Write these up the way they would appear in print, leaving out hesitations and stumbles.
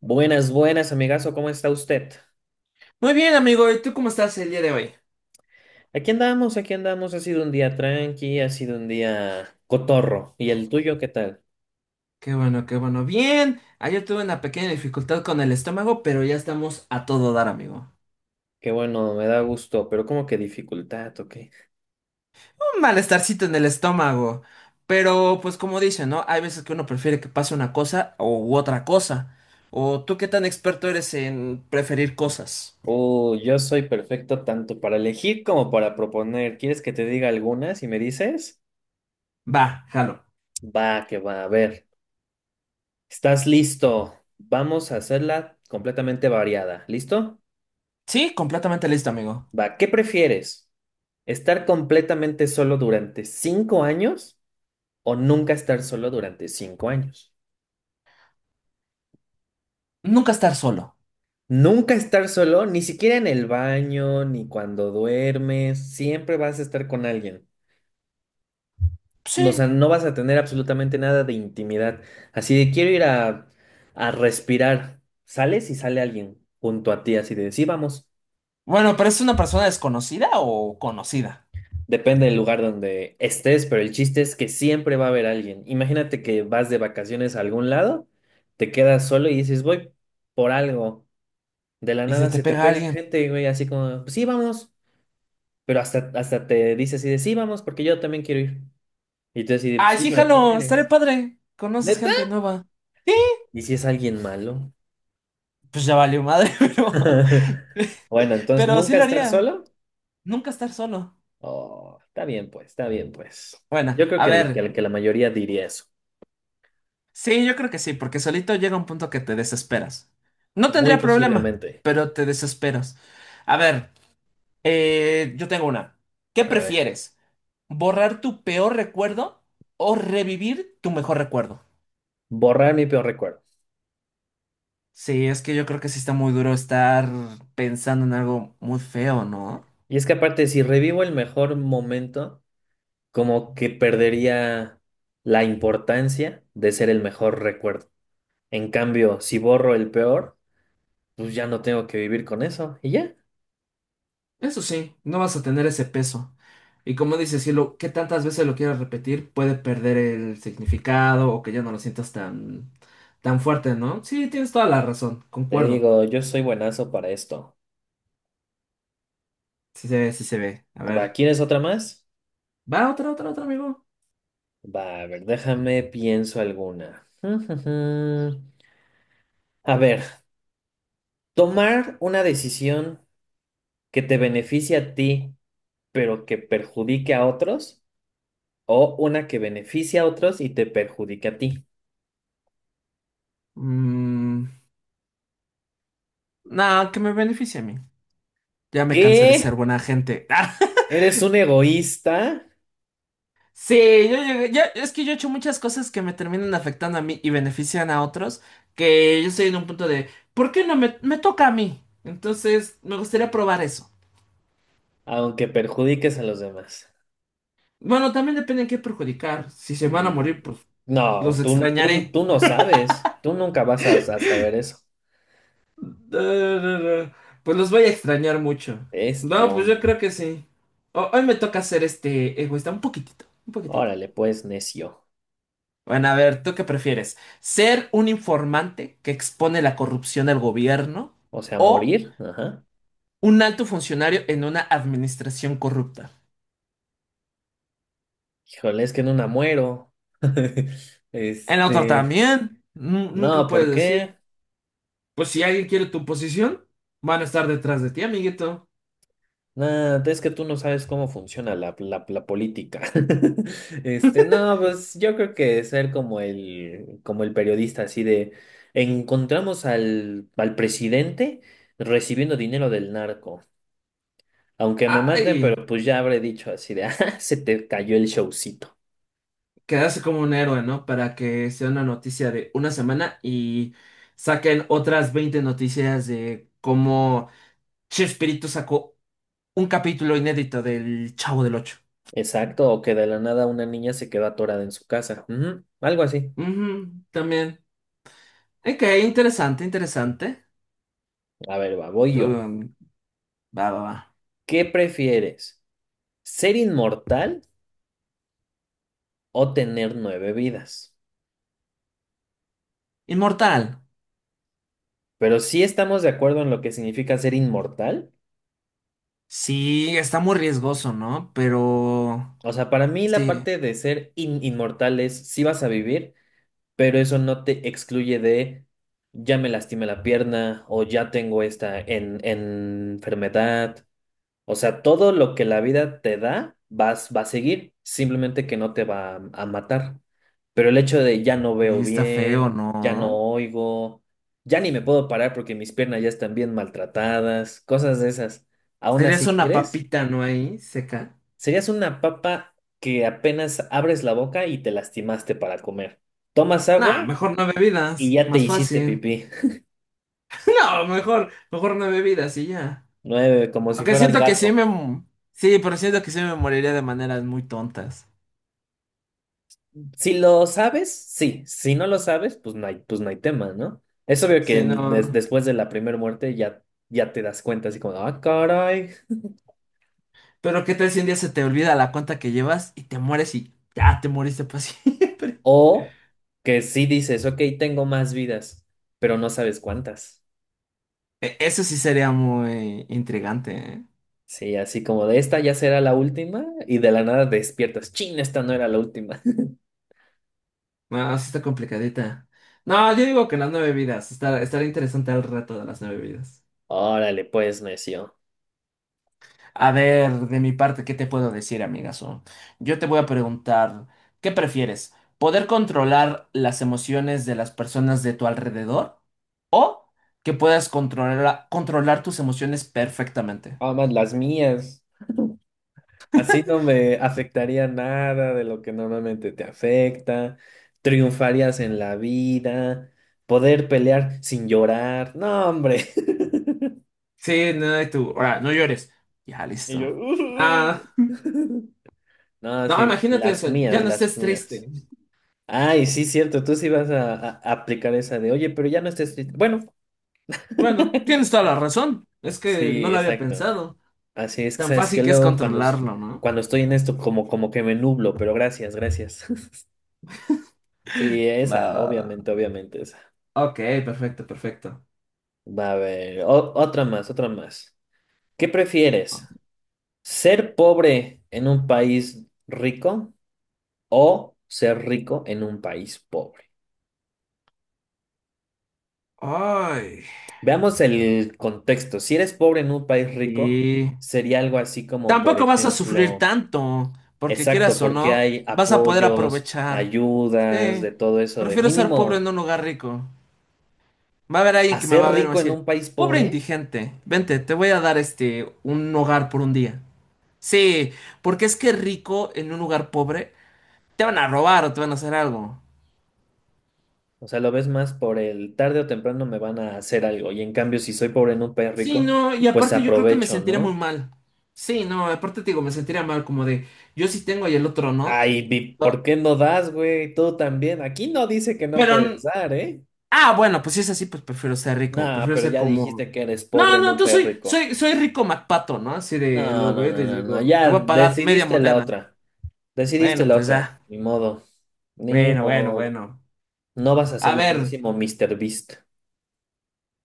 Buenas, buenas, amigazo, ¿cómo está usted? Muy bien, amigo, ¿y tú cómo estás el día de hoy? Aquí andamos, ha sido un día tranqui, ha sido un día cotorro. ¿Y el tuyo qué tal? Qué bueno, qué bueno. Bien, ayer tuve una pequeña dificultad con el estómago, pero ya estamos a todo dar, amigo. Qué bueno, me da gusto, pero como que dificultad, ¿ok? Un malestarcito en el estómago. Pero, pues como dicen, ¿no? Hay veces que uno prefiere que pase una cosa u otra cosa. ¿O tú qué tan experto eres en preferir cosas? Oh, yo soy perfecto tanto para elegir como para proponer. ¿Quieres que te diga algunas y me dices? Va, jalo. Va, que va, a ver. ¿Estás listo? Vamos a hacerla completamente variada. ¿Listo? Sí, completamente listo, amigo. Va, ¿qué prefieres? ¿Estar completamente solo durante cinco años? O nunca estar solo durante cinco años. Nunca estar solo. Nunca estar solo, ni siquiera en el baño, ni cuando duermes, siempre vas a estar con alguien. O sea, Sí. no vas a tener absolutamente nada de intimidad. Así de quiero ir a respirar. Sales y sale alguien junto a ti, así de sí, vamos. Bueno, pero es una persona desconocida o conocida. Depende del lugar donde estés, pero el chiste es que siempre va a haber alguien. Imagínate que vas de vacaciones a algún lado, te quedas solo y dices, voy por algo. De la ¿Y se nada te se te pega pega alguien? gente, güey, así como, pues sí, vamos. Pero hasta te dice así de, sí, vamos, porque yo también quiero ir. Y tú así de, pues Ay, sí, sí, pero ¿quién jalo, estaré eres? padre. Conoces ¿Neta? gente nueva. Sí, ¿Y si es alguien malo? pues ya valió madre, Bueno, entonces, pero sí ¿nunca lo estar haría. solo? Nunca estar solo. Oh, está bien, pues, está bien, pues. Bueno, Yo creo a que, el- que, ver, el- que la mayoría diría eso. sí, yo creo que sí, porque solito llega un punto que te desesperas. No Muy tendría problema, posiblemente. pero te desesperas. A ver, yo tengo una. ¿Qué A ver, prefieres? ¿Borrar tu peor recuerdo o revivir tu mejor recuerdo? borrar mi peor recuerdo. Sí, es que yo creo que sí está muy duro estar pensando en algo muy feo, ¿no? Y es que aparte, si revivo el mejor momento, como que perdería la importancia de ser el mejor recuerdo. En cambio, si borro el peor, pues ya no tengo que vivir con eso. Y ya, Eso sí, no vas a tener ese peso. Y como dices, si lo que tantas veces lo quieras repetir, puede perder el significado o que ya no lo sientas tan fuerte, ¿no? Sí, tienes toda la razón, te concuerdo. digo, yo soy buenazo para esto. Sí se ve, sí se ve. A Va, ver, ¿quieres otra más? va otra, otra, otra, amigo. Va, a ver, déjame, pienso alguna. A ver, tomar una decisión que te beneficie a ti, pero que perjudique a otros, o una que beneficie a otros y te perjudique a ti. Mm, no, que me beneficie a mí. Ya me cansé de ser ¿Qué? agente. ¿Eres un egoísta, Sí, es que yo he hecho muchas cosas que me terminan afectando a mí y benefician a otros, que yo estoy en un punto de, ¿por qué no me toca a mí? Entonces, me gustaría probar eso. aunque perjudiques a los demás? Bueno, también depende en qué perjudicar. Si se van a Mm. morir, pues, No, los tú, tú, extrañaré. tú no sabes. Tú nunca vas a saber eso. Eh, Pues los voy a extrañar mucho. Este No, pues yo creo hombre. que sí. Hoy me toca ser este egoísta, un poquitito, un poquitito. Órale, pues, necio. Bueno, a ver, ¿tú qué prefieres? ¿Ser un informante que expone la corrupción del gobierno? O sea, ¿O morir. Ajá. un alto funcionario en una administración corrupta? Híjole, es que no una muero. En la otra Este. también. Nunca No, ¿por puedes decir. qué? Pues si alguien quiere tu posición, van a estar detrás de ti, amiguito. Nada, es que tú no sabes cómo funciona la política. Este, no, pues yo creo que ser como el periodista así de encontramos al presidente recibiendo dinero del narco. Aunque me maten, Ay, pero pues ya habré dicho así de, ah, se te cayó el showcito. quedarse como un héroe, ¿no? Para que sea una noticia de una semana y saquen otras 20 noticias de cómo Chespirito sacó un capítulo inédito del Chavo del Ocho. Exacto, o que de la nada una niña se quedó atorada en su casa. Ujú, algo así. Ujú, también. Ok, interesante, interesante. A ver, va, voy yo. Uh, va, va, va. ¿Qué prefieres? ¿Ser inmortal o tener nueve vidas? Inmortal. Pero sí estamos de acuerdo en lo que significa ser inmortal. Sí, está muy riesgoso, ¿no? Pero O sea, para mí la sí, parte de ser inmortal es sí vas a vivir, pero eso no te excluye de ya me lastimé la pierna o ya tengo esta enfermedad. O sea, todo lo que la vida te da va a seguir, simplemente que no te va a matar. Pero el hecho de ya no veo está feo, bien, ya no ¿no? oigo, ya ni me puedo parar porque mis piernas ya están bien maltratadas, cosas de esas. Aún ¿Serías así, una ¿quieres? papita, no ahí, seca? Serías una papa que apenas abres la boca y te lastimaste para comer. Tomas Nah, agua mejor no y bebidas. ya te Más hiciste sí. pipí. No, mejor, mejor no bebidas y ya. Nueve, como si Aunque fueras siento que gato. Sí, pero siento que sí me moriría de maneras muy tontas. Si lo sabes, sí. Si no lo sabes, pues no hay tema, ¿no? Es obvio que después de la primera muerte ya, ya te das cuenta así como, ah, caray. Pero qué tal si un día se te olvida la cuenta que llevas y te mueres y ya te moriste para siempre. O que sí dices, ok, tengo más vidas, pero no sabes cuántas. Eso sí sería muy intrigante, ¿eh? Sí, así como de esta ya será la última y de la nada despiertas. Chin, esta no era la última. No, sí está complicadita. No, yo digo que las 9 vidas. Estará, estará interesante el reto de las 9 vidas. Órale, pues, necio. A ver, de mi parte, ¿qué te puedo decir, amigazo? Yo te voy a preguntar, ¿qué prefieres? ¿Poder controlar las emociones de las personas de tu alrededor? ¿O que puedas controlar tus emociones perfectamente? Ah, más las mías. Así no me afectaría nada de lo que normalmente te afecta. Triunfarías en la vida. Poder pelear sin llorar. No, hombre. Sí, no, y tú. Ahora, no llores. Ya, Y yo. listo. Ah, No, no, sí, imagínate, o las ya mías, no las estés mías. triste. Ay, sí, cierto, tú sí vas a aplicar esa de, oye, pero ya no estés triste. Bueno, Bueno, tienes toda la razón. Es que no sí, lo había exacto. pensado. Así es que, Tan ¿sabes fácil que que es luego, cuando, es- hablarlo, ¿no? cuando estoy en esto, como que me nublo, pero gracias, gracias. Sí, Va, esa, va, va. obviamente, obviamente, Ok, perfecto, perfecto. va a haber otra más, otra más. ¿Qué prefieres? ¿Ser pobre en un país rico o ser rico en un país pobre? Ay, Veamos el contexto. Si eres pobre en un país rico, y sería algo así como, por tampoco vas a sufrir ejemplo, tanto, porque exacto, quieras o porque no, hay vas a poder apoyos, aprovechar. ayudas, Sí, de todo eso, de prefiero ser pobre en mínimo, un lugar rico. Va a haber alguien que me va a hacer ver y me va a rico en decir, un país pobre pobre. indigente, vente, te voy a dar este un hogar por un día. Sí, porque es que rico en un lugar pobre te van a robar o te van a hacer algo. O sea, lo ves más por el tarde o temprano me van a hacer algo. Y en cambio, si soy pobre en un país Sí, rico, no, y pues aparte yo creo que me aprovecho, sentiré muy ¿no? mal. Sí, no, aparte te digo, me sentiría mal como de, yo sí tengo y el otro no. Ay, Ah. ¿por qué no das, güey? Tú también. Aquí no dice que no Pero, puedes n- dar, ¿eh? ah, bueno, pues si es así, pues prefiero ser rico, No, prefiero pero ser ya como... dijiste que eres pobre No, en no, un país rico. Soy rico MacPato, ¿no? Así de, No, lo no, veo y no, les no, no. digo, te Ya voy a pagar media decidiste la moneda. otra. Decidiste Bueno, la pues otra. ya. Ni modo. Ni Bueno, bueno, modo. bueno. No vas a ser A el ver, próximo Mr. Beast.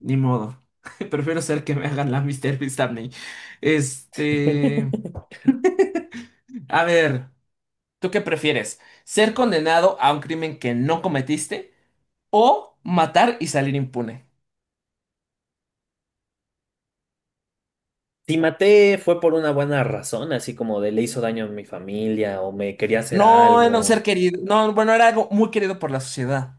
ni modo. Prefiero ser que me hagan la Mister Beast a mí. Este, a ver, ¿tú qué prefieres? ¿Ser condenado a un crimen que no cometiste o matar y salir impune? Si maté fue por una buena razón, así como de le hizo daño a mi familia o me quería hacer No era un algo. ser querido, no, bueno, era algo muy querido por la sociedad.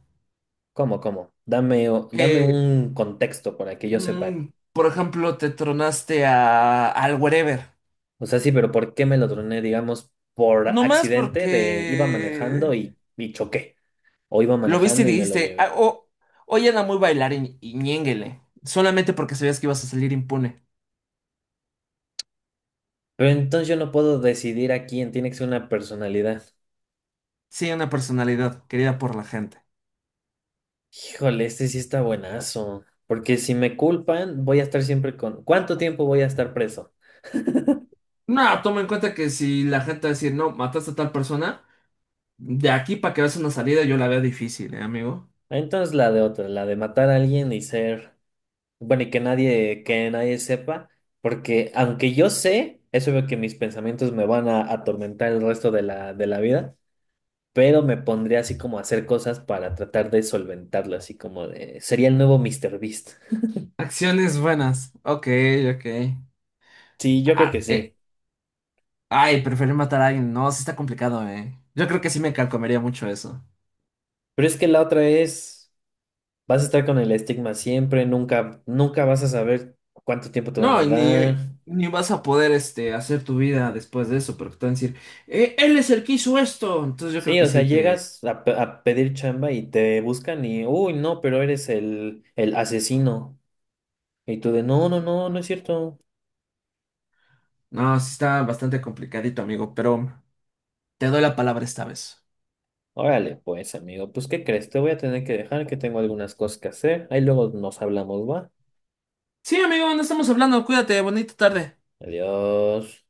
¿Cómo, cómo? Dame, dame Que, un contexto para que yo sepa. mm, por ejemplo, te tronaste a, al wherever. O sea, sí, pero ¿por qué me lo troné, digamos, por No más accidente de iba manejando porque y choqué? O iba lo viste y manejando y me lo dijiste, "Ah, llevé. Hoy era muy bailarín y ñénguele". Solamente porque sabías que ibas a salir impune. Pero entonces yo no puedo decidir a quién tiene que ser una personalidad. Sí, una personalidad querida por la gente. Híjole, este sí está buenazo. Porque si me culpan, voy a estar siempre con... ¿Cuánto tiempo voy a estar preso? No, toma en cuenta que si la gente va a decir, no, mataste a tal persona, de aquí para que veas una salida yo la veo difícil, amigo. Entonces la de otra, la de matar a alguien y ser, bueno, y que nadie sepa, porque aunque yo sé, es obvio que mis pensamientos me van a atormentar el resto de la vida, pero me pondría así como a hacer cosas para tratar de solventarlo, así como de, sería el nuevo Mr. Beast. Acciones buenas. Ok, ok. Sí, yo creo Ah, que sí, ay, preferir matar a alguien. No, sí está complicado, eh. Yo creo que sí me carcomería mucho eso. pero es que la otra es, vas a estar con el estigma siempre, nunca, nunca vas a saber cuánto tiempo te van No, a y dar. Ni vas a poder este, hacer tu vida después de eso, porque te van a decir, él es el que hizo esto". Entonces yo creo Sí, que o sea, sí. te- llegas a pedir chamba y te buscan y, uy, no, pero eres el asesino. Y tú de, no, no, no, no es cierto. No, sí está bastante complicadito, amigo, pero te doy la palabra esta vez. Órale, pues, amigo, pues, ¿qué crees? Te voy a tener que dejar, que tengo algunas cosas que hacer. Ahí luego nos hablamos, ¿va? Sí, amigo, no estamos hablando. Cuídate, bonita tarde. Adiós.